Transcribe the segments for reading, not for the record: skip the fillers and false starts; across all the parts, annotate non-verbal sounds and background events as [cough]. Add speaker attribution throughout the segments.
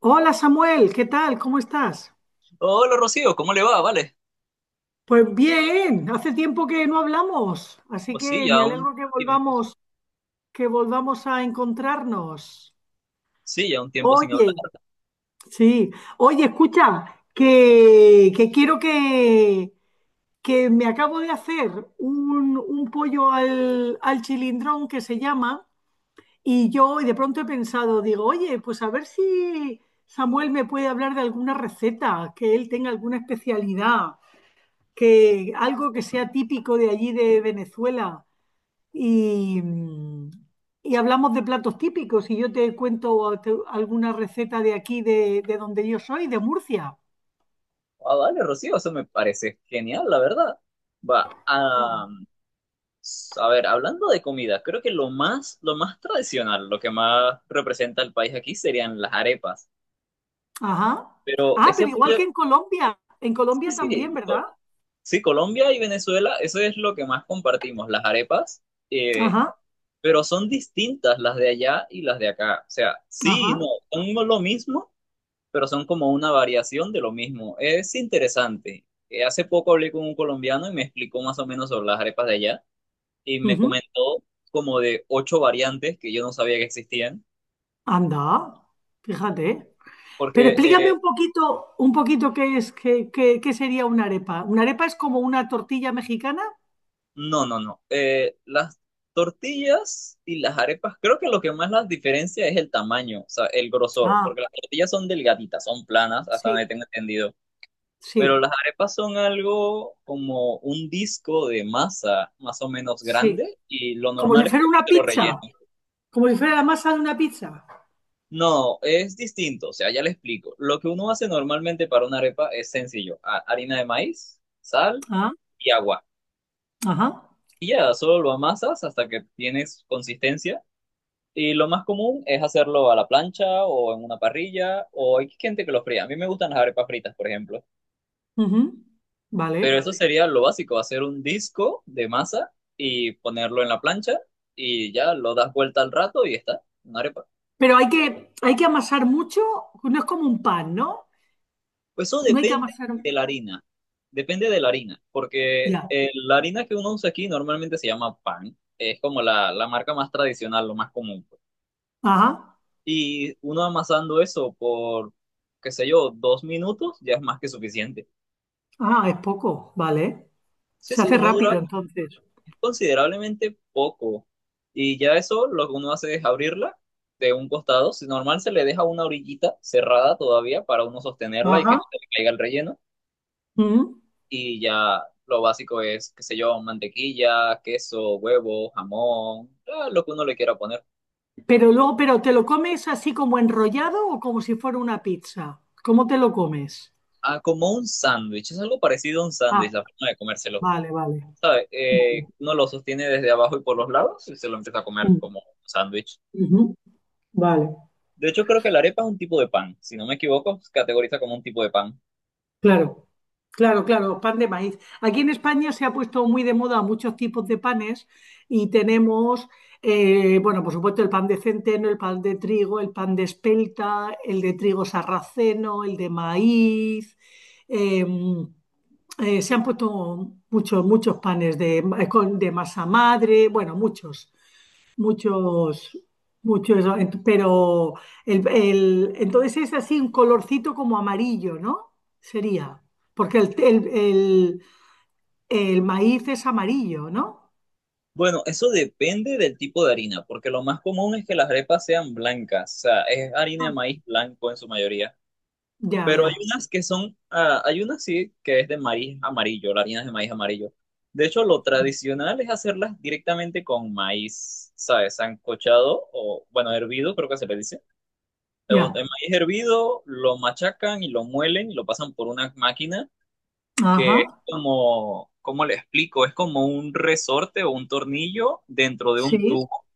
Speaker 1: Hola Samuel, ¿qué tal? ¿Cómo estás?
Speaker 2: Hola Rocío, ¿cómo le va? Vale.
Speaker 1: Pues bien, hace tiempo que no hablamos, así
Speaker 2: Pues sí,
Speaker 1: que
Speaker 2: ya
Speaker 1: me
Speaker 2: un
Speaker 1: alegro
Speaker 2: tiempo.
Speaker 1: que volvamos a encontrarnos.
Speaker 2: Sí, ya un tiempo sin hablar.
Speaker 1: Oye, sí, oye, escucha, que quiero que me acabo de hacer un pollo al chilindrón que se llama, y yo y de pronto he pensado, digo, oye, pues a ver si Samuel me puede hablar de alguna receta, que él tenga alguna especialidad, que algo que sea típico de allí de Venezuela. y, y hablamos de platos típicos y yo te cuento alguna receta de aquí, de donde yo soy, de Murcia.
Speaker 2: Ah, vale, Rocío, eso me parece genial, la verdad. Va,
Speaker 1: Venga.
Speaker 2: ah, a ver, hablando de comida, creo que lo más tradicional, lo que más representa el país aquí serían las arepas.
Speaker 1: Ajá.
Speaker 2: Pero
Speaker 1: Ah,
Speaker 2: ese
Speaker 1: pero igual
Speaker 2: pollo-
Speaker 1: que en
Speaker 2: sí,
Speaker 1: Colombia también,
Speaker 2: sí,
Speaker 1: ¿verdad?
Speaker 2: Col- Sí, Colombia y Venezuela, eso es lo que más compartimos, las arepas. eh,
Speaker 1: Ajá,
Speaker 2: pero son distintas las de allá y las de acá. O sea, sí, y no,
Speaker 1: ajá.
Speaker 2: son lo mismo pero son como una variación de lo mismo. Es interesante. Hace poco hablé con un colombiano y me explicó más o menos sobre las arepas de allá y me
Speaker 1: Ujú.
Speaker 2: comentó como de ocho variantes que yo no sabía que existían,
Speaker 1: Anda, fíjate. Pero
Speaker 2: porque
Speaker 1: explícame un poquito qué es, qué, qué sería una arepa. ¿Una arepa es como una tortilla mexicana?
Speaker 2: no, no, no. Las tortillas y las arepas, creo que lo que más las diferencia es el tamaño, o sea, el grosor,
Speaker 1: Ah,
Speaker 2: porque las tortillas son delgaditas, son planas, hasta
Speaker 1: sí,
Speaker 2: donde tengo entendido. Pero
Speaker 1: sí,
Speaker 2: las arepas son algo como un disco de masa más o menos
Speaker 1: sí.
Speaker 2: grande y lo
Speaker 1: Como si
Speaker 2: normal es
Speaker 1: fuera una
Speaker 2: comértelo
Speaker 1: pizza,
Speaker 2: relleno.
Speaker 1: como si fuera la masa de una pizza.
Speaker 2: No, es distinto, o sea, ya le explico. Lo que uno hace normalmente para una arepa es sencillo, harina de maíz, sal
Speaker 1: Ah,
Speaker 2: y agua.
Speaker 1: ajá.
Speaker 2: Y ya, solo lo amasas hasta que tienes consistencia. Y lo más común es hacerlo a la plancha o en una parrilla o hay gente que lo fría. A mí me gustan las arepas fritas, por ejemplo.
Speaker 1: Ujú.
Speaker 2: Pero
Speaker 1: Vale.
Speaker 2: eso sería lo básico, hacer un disco de masa y ponerlo en la plancha y ya lo das vuelta al rato y está, una arepa.
Speaker 1: Pero hay que amasar mucho, no es como un pan, ¿no?
Speaker 2: Pues eso
Speaker 1: No hay que
Speaker 2: depende
Speaker 1: amasar.
Speaker 2: de la harina, depende de la harina, porque
Speaker 1: Ya.
Speaker 2: la harina que uno usa aquí normalmente se llama pan, es como la marca más tradicional, lo más común, pues.
Speaker 1: Ajá.
Speaker 2: Y uno amasando eso por, qué sé yo, 2 minutos ya es más que suficiente.
Speaker 1: Ah, es poco, vale.
Speaker 2: Sí,
Speaker 1: Se
Speaker 2: sí,
Speaker 1: hace
Speaker 2: uno
Speaker 1: rápido
Speaker 2: dura
Speaker 1: entonces.
Speaker 2: considerablemente poco. Y ya eso lo que uno hace es abrirla de un costado. Si normal se le deja una orillita cerrada todavía para uno sostenerla y que
Speaker 1: Ajá.
Speaker 2: no se le caiga el relleno.
Speaker 1: Ujú.
Speaker 2: Y ya lo básico es, qué sé yo, mantequilla, queso, huevo, jamón, ah, lo que uno le quiera poner.
Speaker 1: Pero luego, pero ¿te lo comes así como enrollado o como si fuera una pizza? ¿Cómo te lo comes?
Speaker 2: Ah, como un sándwich, es algo parecido a un
Speaker 1: Ah,
Speaker 2: sándwich, la forma de comérselo.
Speaker 1: vale, vale.
Speaker 2: ¿Sabe?
Speaker 1: Vale.
Speaker 2: Uno lo sostiene desde abajo y por los lados y se lo empieza a comer
Speaker 1: Mm,
Speaker 2: como un sándwich.
Speaker 1: ujú. Vale,
Speaker 2: De hecho, creo que la arepa es un tipo de pan, si no me equivoco, se categoriza como un tipo de pan.
Speaker 1: claro. Claro, claro, pan de maíz. Aquí en España se ha puesto muy de moda muchos tipos de panes y tenemos, bueno, por supuesto el pan de centeno, el pan de trigo, el pan de espelta, el de trigo sarraceno, el de maíz. eh, Se han puesto muchos, muchos panes de, de masa madre, bueno, muchos. Muchos, muchos, pero el, entonces es así un colorcito como amarillo, ¿no? Sería, porque el, el maíz es amarillo, ¿no?
Speaker 2: Bueno, eso depende del tipo de harina, porque lo más común es que las arepas sean blancas, o sea, es harina de
Speaker 1: Ah,
Speaker 2: maíz blanco en su mayoría,
Speaker 1: ya,
Speaker 2: pero hay
Speaker 1: ya,
Speaker 2: unas que son, ah, hay unas sí que es de maíz amarillo, la harina es de maíz amarillo. De hecho, lo tradicional es hacerlas directamente con maíz, ¿sabes? Sancochado o, bueno, hervido, creo que se le dice. El
Speaker 1: ya,
Speaker 2: el maíz hervido lo machacan y lo muelen y lo pasan por una máquina que es
Speaker 1: ajá,
Speaker 2: como, ¿cómo le explico? Es como un resorte o un tornillo dentro de un
Speaker 1: sí,
Speaker 2: tubo.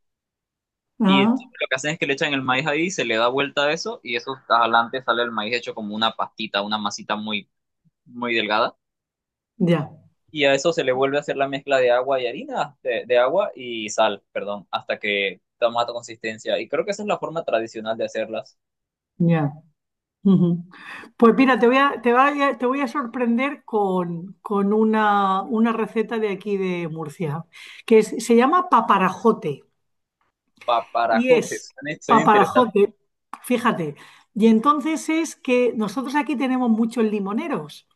Speaker 2: Y lo
Speaker 1: ajá,
Speaker 2: que hacen es que le echan el maíz ahí, se le da vuelta a eso y eso adelante sale el maíz hecho como una pastita, una masita muy delgada.
Speaker 1: ya,
Speaker 2: Y a eso se le vuelve a hacer la mezcla de agua y harina, de agua y sal, perdón, hasta que toma esta consistencia. Y creo que esa es la forma tradicional de hacerlas.
Speaker 1: ya. Ujú. Pues mira, te voy a, te voy a, te voy a sorprender con una receta de aquí de Murcia, se llama paparajote. Y es
Speaker 2: Paparajotes, suena, suena interesante.
Speaker 1: paparajote, fíjate. Y entonces es que nosotros aquí tenemos muchos limoneros.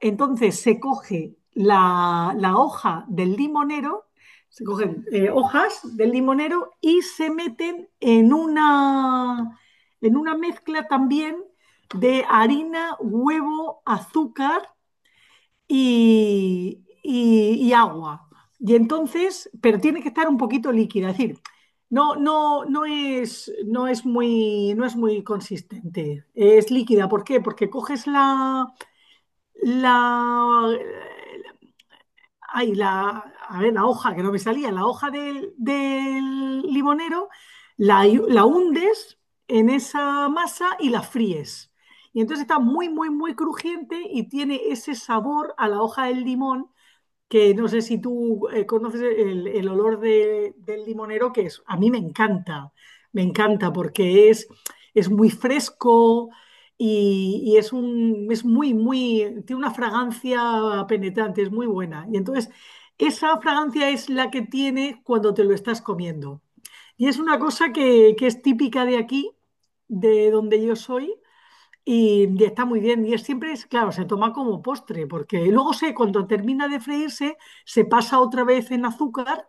Speaker 1: Entonces se coge la, la hoja del limonero, se cogen hojas del limonero y se meten en una mezcla también de harina, huevo, azúcar y agua. Y entonces, pero tiene que estar un poquito líquida, es decir, no, no, no es, no es muy, no es muy consistente, es líquida. ¿Por qué? Porque coges la, la, ay, la, a ver, la hoja que no me salía, la hoja del, del limonero, la hundes en esa masa y la fríes. Y entonces está muy, muy, muy crujiente y tiene ese sabor a la hoja del limón, que no sé si tú conoces el olor del limonero, que es, a mí me encanta porque es muy fresco y es un, es muy, muy, tiene una fragancia penetrante, es muy buena. Y entonces, esa fragancia es la que tiene cuando te lo estás comiendo. Y es una cosa que es típica de aquí, de donde yo soy, y está muy bien. Y es, siempre es, claro, se toma como postre, porque luego se, cuando termina de freírse, se pasa otra vez en azúcar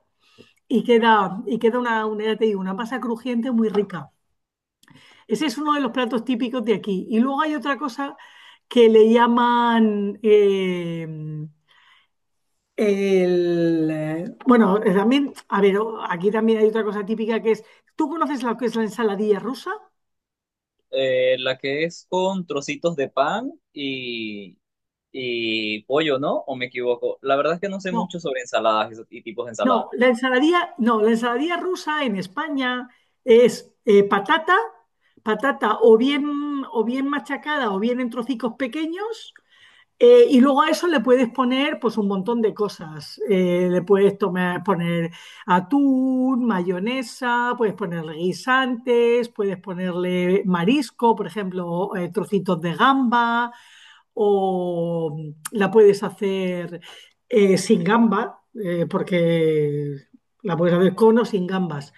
Speaker 1: y queda una, ya te digo, una masa crujiente muy rica. Ese es uno de los platos típicos de aquí. Y luego hay otra cosa que le llaman bueno, también, a ver, aquí también hay otra cosa típica que es, ¿tú conoces lo que es la ensaladilla rusa?
Speaker 2: La que es con trocitos de pan y pollo, ¿no? ¿O me equivoco? La verdad es que no sé
Speaker 1: No.
Speaker 2: mucho sobre ensaladas y tipos de
Speaker 1: No,
Speaker 2: ensaladas.
Speaker 1: la ensaladilla, no, la ensaladilla rusa en España es patata, patata o bien machacada o bien en trocicos pequeños. Y luego a eso le puedes poner pues un montón de cosas. Le puedes tomar, poner atún, mayonesa, puedes ponerle guisantes, puedes ponerle marisco, por ejemplo, trocitos de gamba, o la puedes hacer sin gamba, porque la puedes hacer con o sin gambas.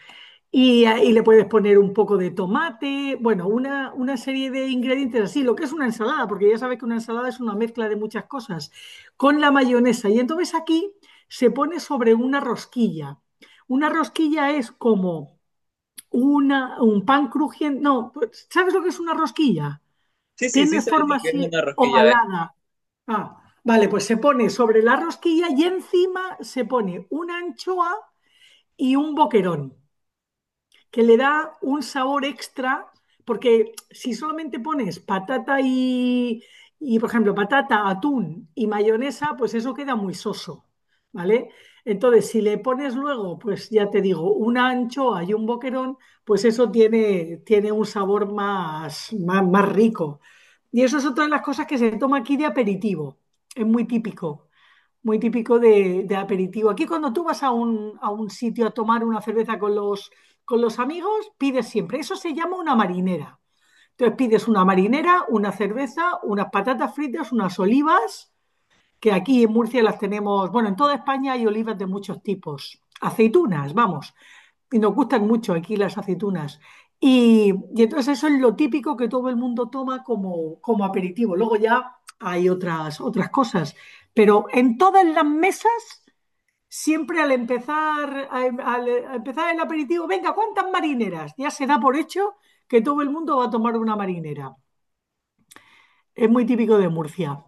Speaker 1: Y, ahí le puedes poner un poco de tomate, bueno, una serie de ingredientes así, lo que es una ensalada, porque ya sabes que una ensalada es una mezcla de muchas cosas, con la mayonesa. Y entonces aquí se pone sobre una rosquilla. Una rosquilla es como una, un pan crujiente, no, ¿sabes lo que es una rosquilla?
Speaker 2: Sí, sí, sí
Speaker 1: Tiene
Speaker 2: sé lo
Speaker 1: forma
Speaker 2: que es
Speaker 1: así
Speaker 2: una rosquilla.
Speaker 1: ovalada. Ah, vale, pues se pone sobre la rosquilla y encima se pone una anchoa y un boquerón que le da un sabor extra, porque si solamente pones patata y, por ejemplo, patata, atún y mayonesa, pues eso queda muy soso, ¿vale? Entonces, si le pones luego, pues ya te digo, una anchoa y un boquerón, pues eso tiene, tiene un sabor más, más, más rico. Y eso es otra de las cosas que se toma aquí de aperitivo, es muy típico, muy típico de aperitivo. Aquí cuando tú vas a un sitio a tomar una cerveza con los amigos, pides siempre, eso se llama una marinera. Entonces pides una marinera, una cerveza, unas patatas fritas, unas olivas, que aquí en Murcia las tenemos, bueno, en toda España hay olivas de muchos tipos. Aceitunas, vamos, y nos gustan mucho aquí las aceitunas. Y entonces eso es lo típico que todo el mundo toma como, como aperitivo. Luego ya hay otras, otras cosas, pero en todas las mesas, siempre al empezar, al, al empezar el aperitivo, venga, ¿cuántas marineras? Ya se da por hecho que todo el mundo va a tomar una marinera. Es muy típico de Murcia.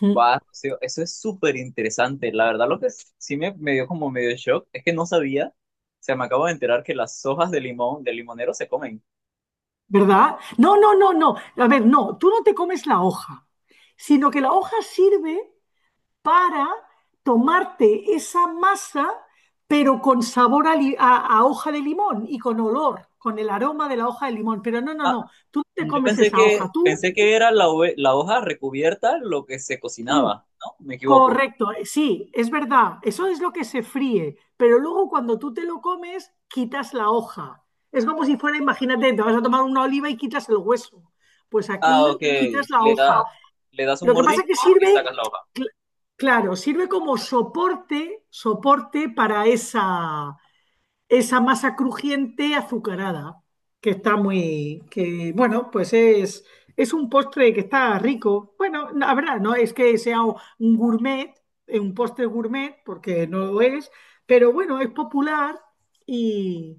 Speaker 1: Mm.
Speaker 2: Va, Rocío, eso es súper interesante. La verdad, lo que sí me dio como medio shock es que no sabía, o sea, me acabo de enterar que las hojas de limón, del limonero se comen.
Speaker 1: ¿Verdad? No, no, no, no. A ver, no, tú no te comes la hoja, sino que la hoja sirve para tomarte esa masa, pero con sabor a, a hoja de limón y con olor, con el aroma de la hoja de limón. Pero no, no,
Speaker 2: Ah,
Speaker 1: no, tú no te
Speaker 2: yo
Speaker 1: comes esa hoja, tú.
Speaker 2: pensé que era la, la hoja recubierta lo que se
Speaker 1: Sí.
Speaker 2: cocinaba, ¿no? Me equivoco.
Speaker 1: Correcto, sí, es verdad, eso es lo que se fríe, pero luego cuando tú te lo comes, quitas la hoja. Es como si fuera, imagínate, te vas a tomar una oliva y quitas el hueso. Pues
Speaker 2: Ah, ok.
Speaker 1: aquí quitas la
Speaker 2: Le da,
Speaker 1: hoja.
Speaker 2: le das un
Speaker 1: Lo que pasa es que
Speaker 2: mordisco y
Speaker 1: sirve,
Speaker 2: sacas la hoja.
Speaker 1: cl- claro, sirve como soporte, soporte para esa, esa masa crujiente azucarada, que está muy, que bueno, pues es un postre que está rico. Bueno, la verdad, no es que sea un gourmet, un postre gourmet, porque no lo es, pero bueno, es popular y,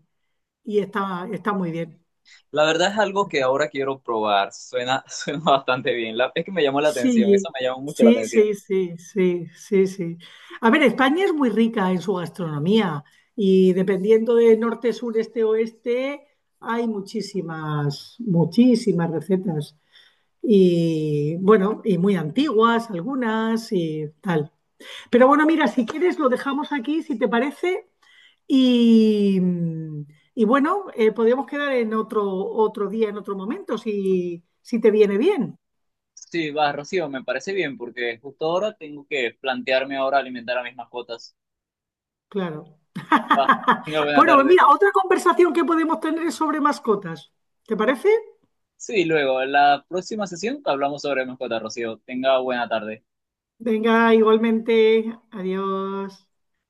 Speaker 1: y está, está muy bien.
Speaker 2: La verdad es algo que ahora quiero probar. Suena, [laughs] suena bastante bien. La, es que me llamó la atención, eso
Speaker 1: Sí,
Speaker 2: me llamó mucho la
Speaker 1: sí,
Speaker 2: atención.
Speaker 1: sí, sí, sí, sí, sí. A ver, España es muy rica en su gastronomía y dependiendo de norte, sur, este, oeste, hay muchísimas, muchísimas recetas. Y bueno, y muy antiguas algunas y tal. Pero bueno, mira, si quieres lo dejamos aquí, si te parece, y, y bueno, podríamos quedar en otro, otro día, en otro momento, si, si te viene bien.
Speaker 2: Sí, va, Rocío, me parece bien porque justo ahora tengo que plantearme ahora alimentar a mis mascotas.
Speaker 1: Claro.
Speaker 2: Va,
Speaker 1: [laughs]
Speaker 2: tenga buena
Speaker 1: Bueno, pues
Speaker 2: tarde.
Speaker 1: mira, otra conversación que podemos tener es sobre mascotas. ¿Te parece?
Speaker 2: Sí, luego, en la próxima sesión hablamos sobre mascotas, Rocío. Tenga buena tarde.
Speaker 1: Venga, igualmente. Adiós.